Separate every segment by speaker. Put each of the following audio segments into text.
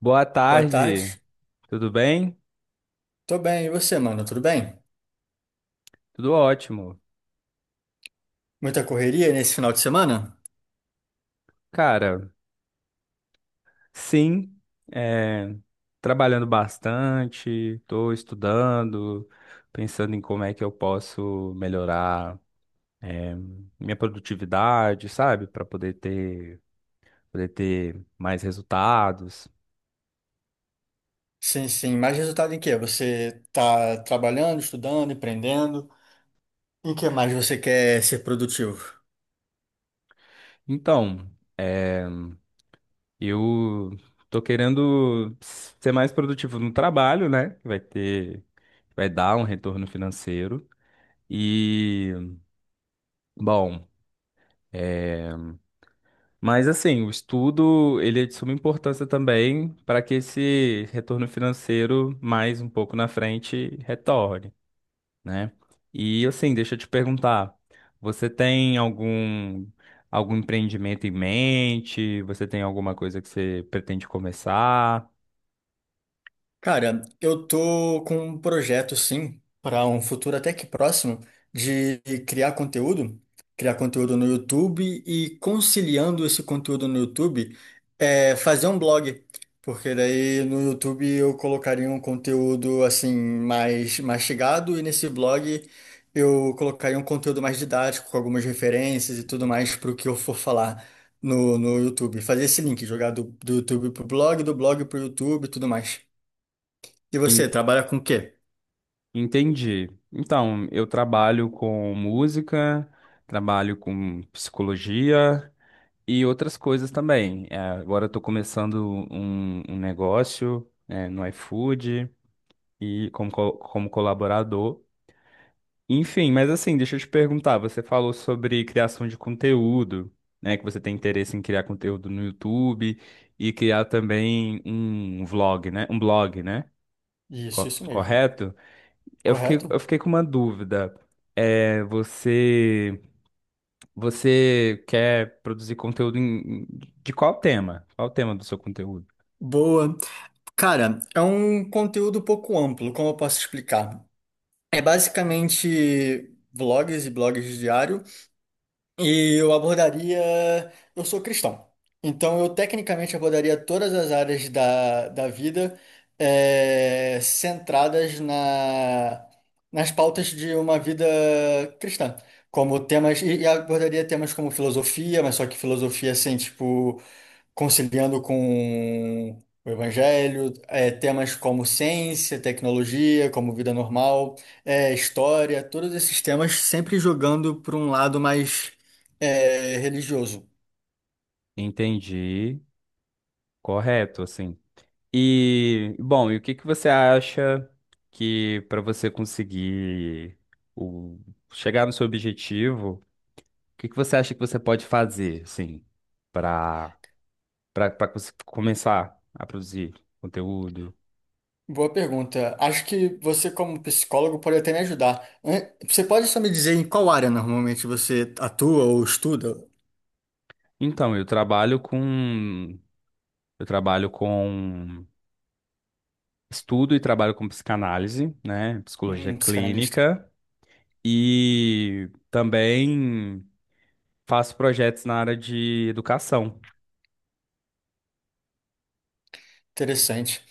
Speaker 1: Boa
Speaker 2: Boa
Speaker 1: tarde,
Speaker 2: tarde.
Speaker 1: tudo bem?
Speaker 2: Tô bem, e você, mano? Tudo bem?
Speaker 1: Tudo ótimo.
Speaker 2: Muita correria nesse final de semana?
Speaker 1: Cara, sim, é, trabalhando bastante, estou estudando, pensando em como é que eu posso melhorar, é, minha produtividade, sabe? Poder ter mais resultados.
Speaker 2: Sim, sim. Mais resultado em quê? Você tá trabalhando, estudando, empreendendo? Em que mais você quer ser produtivo?
Speaker 1: Então, é, eu tô querendo ser mais produtivo no trabalho, né? Que vai dar um retorno financeiro. E, bom. É, mas assim, o estudo ele é de suma importância também para que esse retorno financeiro mais um pouco na frente retorne, né? E assim, deixa eu te perguntar, você tem algum empreendimento em mente? Você tem alguma coisa que você pretende começar?
Speaker 2: Cara, eu tô com um projeto, sim, para um futuro até que próximo, de criar conteúdo, criar conteúdo no YouTube e conciliando esse conteúdo no YouTube, fazer um blog, porque daí no YouTube eu colocaria um conteúdo assim mais mastigado e nesse blog eu colocaria um conteúdo mais didático, com algumas referências e tudo mais para o que eu for falar no YouTube. Fazer esse link, jogar do YouTube pro blog, do blog pro YouTube e tudo mais. E você
Speaker 1: En-
Speaker 2: trabalha com o quê?
Speaker 1: Entendi. Então, eu trabalho com música, trabalho com psicologia. E outras coisas também. É, agora eu tô começando um negócio, é, no iFood e como colaborador. Enfim, mas assim, deixa eu te perguntar, você falou sobre criação de conteúdo, né? Que você tem interesse em criar conteúdo no YouTube e criar também um vlog, né? Um blog, né?
Speaker 2: Isso mesmo.
Speaker 1: Correto?
Speaker 2: Correto?
Speaker 1: Eu fiquei com uma dúvida. É, você, você quer produzir conteúdo de qual tema? Qual o tema do seu conteúdo?
Speaker 2: Boa. Cara, é um conteúdo um pouco amplo, como eu posso explicar? É basicamente vlogs e blogs diário, e eu abordaria. Eu sou cristão, então eu tecnicamente abordaria todas as áreas da vida eh, centradas na, nas pautas de uma vida cristã, como temas, e abordaria temas como filosofia, mas só que filosofia assim, tipo, conciliando com o evangelho, é, temas como ciência, tecnologia, como vida normal, é, história, todos esses temas sempre jogando para um lado mais é, religioso.
Speaker 1: Entendi. Correto, assim. E, bom, e o que que você acha que para você conseguir o, chegar no seu objetivo, o que que você acha que você pode fazer, assim, para para começar a produzir conteúdo?
Speaker 2: Boa pergunta. Acho que você, como psicólogo, pode até me ajudar. Você pode só me dizer em qual área normalmente você atua ou estuda?
Speaker 1: Então, eu trabalho com estudo e trabalho com psicanálise, né, psicologia
Speaker 2: Um psicanalista.
Speaker 1: clínica e também faço projetos na área de educação.
Speaker 2: Interessante.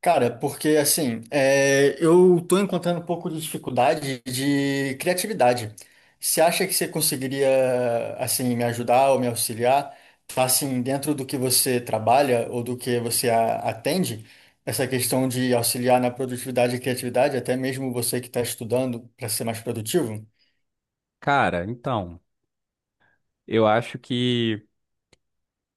Speaker 2: Cara, porque assim, é, eu tô encontrando um pouco de dificuldade de criatividade. Você acha que você conseguiria, assim, me ajudar ou me auxiliar? Tá, assim, dentro do que você trabalha ou do que você atende, essa questão de auxiliar na produtividade e criatividade, até mesmo você que está estudando para ser mais produtivo?
Speaker 1: Cara, então, eu acho que.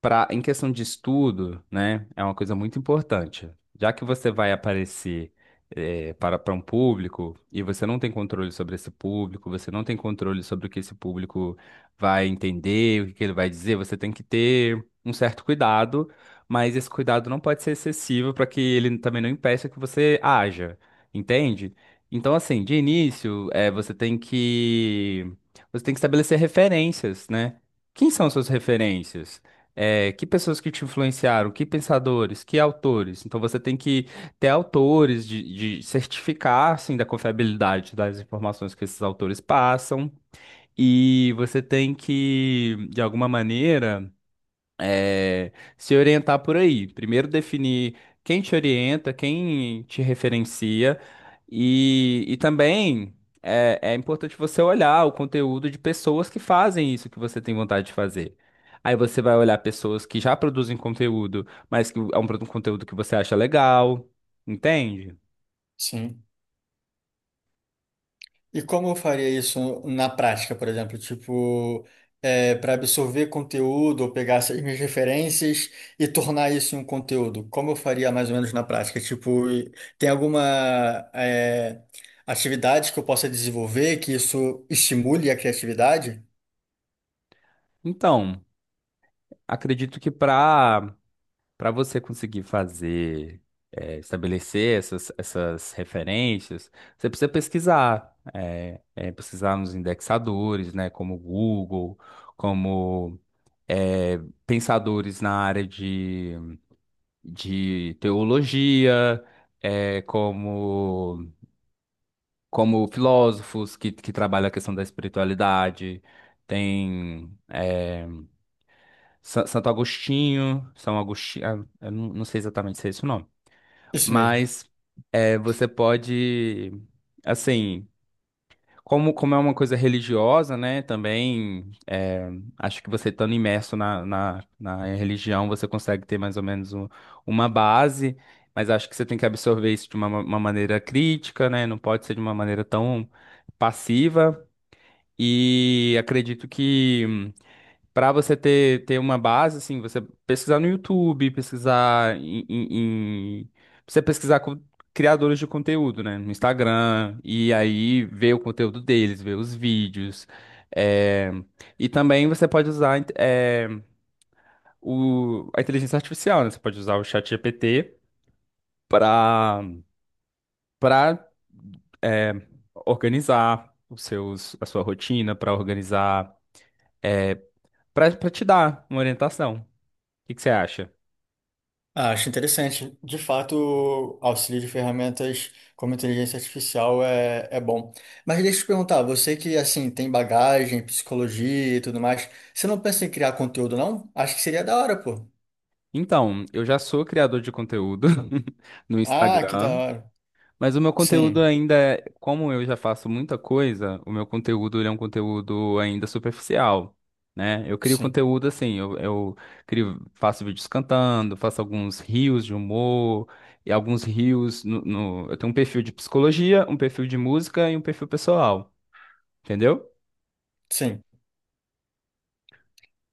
Speaker 1: Pra, em questão de estudo, né, é uma coisa muito importante. Já que você vai aparecer para um público e você não tem controle sobre esse público, você não tem controle sobre o que esse público vai entender, o que que ele vai dizer, você tem que ter um certo cuidado, mas esse cuidado não pode ser excessivo para que ele também não impeça que você haja, entende? Então, assim, de início, você tem que estabelecer referências, né? Quem são suas referências? É, que pessoas que te influenciaram, que pensadores, que autores. Então você tem que ter autores de certificar assim, da confiabilidade das informações que esses autores passam. E você tem que, de alguma maneira, é, se orientar por aí. Primeiro definir quem te orienta, quem te referencia e também é importante você olhar o conteúdo de pessoas que fazem isso que você tem vontade de fazer. Aí você vai olhar pessoas que já produzem conteúdo, mas que é um um conteúdo que você acha legal, entende?
Speaker 2: Sim. E como eu faria isso na prática, por exemplo? Tipo, para absorver conteúdo ou pegar essas minhas referências e tornar isso em um conteúdo? Como eu faria mais ou menos na prática? Tipo, tem alguma é, atividade que eu possa desenvolver que isso estimule a criatividade?
Speaker 1: Então, acredito que para para você conseguir fazer, estabelecer essas referências, você precisa pesquisar, pesquisar nos indexadores, né, como Google, como eh, pensadores na área de teologia, eh, como, como filósofos que trabalham a questão da espiritualidade. Tem Santo Agostinho, São Agostinho, eu não sei exatamente se é esse o nome.
Speaker 2: Isso mesmo.
Speaker 1: Mas é, você pode, assim, como é uma coisa religiosa, né? Também é, acho que você estando imerso na religião, você consegue ter mais ou menos uma base, mas acho que você tem que absorver isso de uma maneira crítica, né? Não pode ser de uma maneira tão passiva. E acredito que. Para você ter uma base, assim, você pesquisar no YouTube, pesquisar você pesquisar com criadores de conteúdo, né? No Instagram, e aí ver o conteúdo deles, ver os vídeos. é, E também você pode usar a inteligência artificial, né? Você pode usar o ChatGPT para para organizar a sua rotina, para organizar, para te dar uma orientação. O que que você acha?
Speaker 2: Ah, acho interessante. De fato, o auxílio de ferramentas como inteligência artificial é bom. Mas deixa eu te perguntar, você que assim tem bagagem, psicologia e tudo mais, você não pensa em criar conteúdo, não? Acho que seria da hora, pô.
Speaker 1: Então, eu já sou criador de conteúdo no
Speaker 2: Ah, que da
Speaker 1: Instagram,
Speaker 2: hora.
Speaker 1: mas o meu conteúdo
Speaker 2: Sim,
Speaker 1: ainda é, como eu já faço muita coisa, o meu conteúdo ele é um conteúdo ainda superficial, né? Eu crio
Speaker 2: sim,
Speaker 1: conteúdo assim, eu crio, faço vídeos cantando, faço alguns reels de humor e alguns reels eu tenho um perfil de psicologia, um perfil de música e um perfil pessoal, entendeu?
Speaker 2: sim.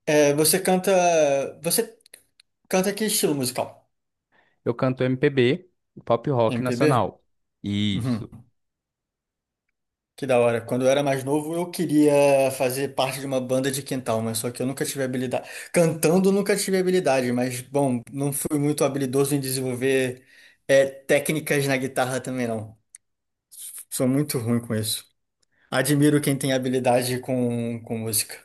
Speaker 2: É, você canta. Você canta que estilo musical?
Speaker 1: Eu canto MPB, pop rock
Speaker 2: MPB?
Speaker 1: nacional. Isso.
Speaker 2: Que da hora. Quando eu era mais novo, eu queria fazer parte de uma banda de quintal, mas só que eu nunca tive habilidade. Cantando, eu nunca tive habilidade, mas, bom, não fui muito habilidoso em desenvolver é, técnicas na guitarra também, não. Sou muito ruim com isso. Admiro quem tem habilidade com música.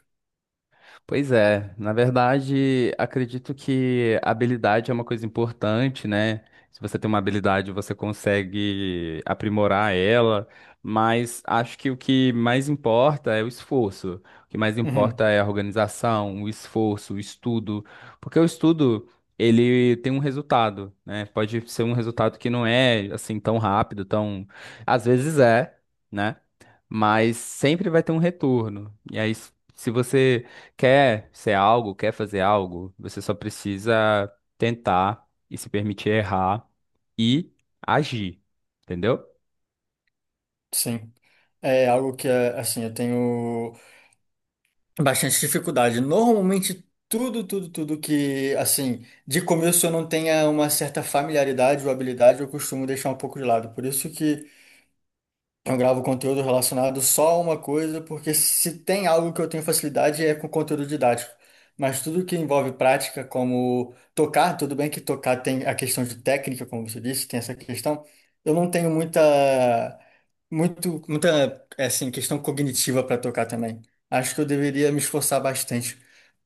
Speaker 1: Pois é, na verdade, acredito que habilidade é uma coisa importante, né? Se você tem uma habilidade, você consegue aprimorar ela, mas acho que o que mais importa é o esforço. O que mais importa
Speaker 2: Uhum,
Speaker 1: é a organização, o esforço, o estudo, porque o estudo, ele tem um resultado, né? Pode ser um resultado que não é assim tão rápido, tão às vezes é, né? Mas sempre vai ter um retorno. E aí, se você quer ser algo, quer fazer algo, você só precisa tentar e se permitir errar e agir, entendeu?
Speaker 2: sim. É algo que, é, assim, eu tenho bastante dificuldade. Normalmente, tudo, tudo que, assim, de começo eu não tenha uma certa familiaridade ou habilidade, eu costumo deixar um pouco de lado. Por isso que eu gravo conteúdo relacionado só a uma coisa, porque se tem algo que eu tenho facilidade é com conteúdo didático. Mas tudo que envolve prática, como tocar, tudo bem que tocar tem a questão de técnica, como você disse, tem essa questão. Eu não tenho muita, é assim, questão cognitiva para tocar também. Acho que eu deveria me esforçar bastante,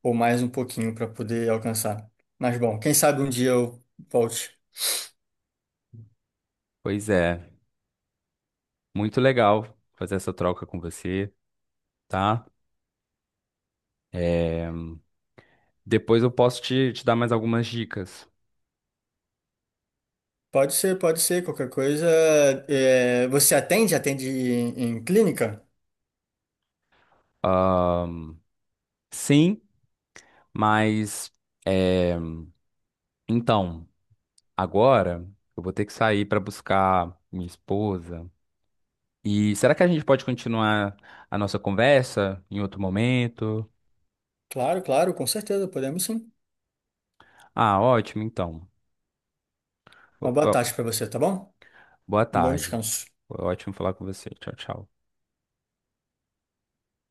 Speaker 2: ou mais um pouquinho, para poder alcançar. Mas bom, quem sabe um dia eu volte.
Speaker 1: Pois é, muito legal fazer essa troca com você, tá? É, depois eu posso te dar mais algumas dicas.
Speaker 2: Pode ser, pode ser. Qualquer coisa. É, você atende? Atende em clínica?
Speaker 1: Ah, sim, mas é, então, agora eu vou ter que sair para buscar minha esposa. E será que a gente pode continuar a nossa conversa em outro momento?
Speaker 2: Claro, claro, com certeza. Podemos sim.
Speaker 1: Ah, ótimo, então.
Speaker 2: Uma
Speaker 1: Bo-
Speaker 2: boa tarde
Speaker 1: bo-
Speaker 2: para você, tá bom?
Speaker 1: Boa
Speaker 2: Um bom
Speaker 1: tarde.
Speaker 2: descanso.
Speaker 1: Foi ótimo falar com você. Tchau, tchau.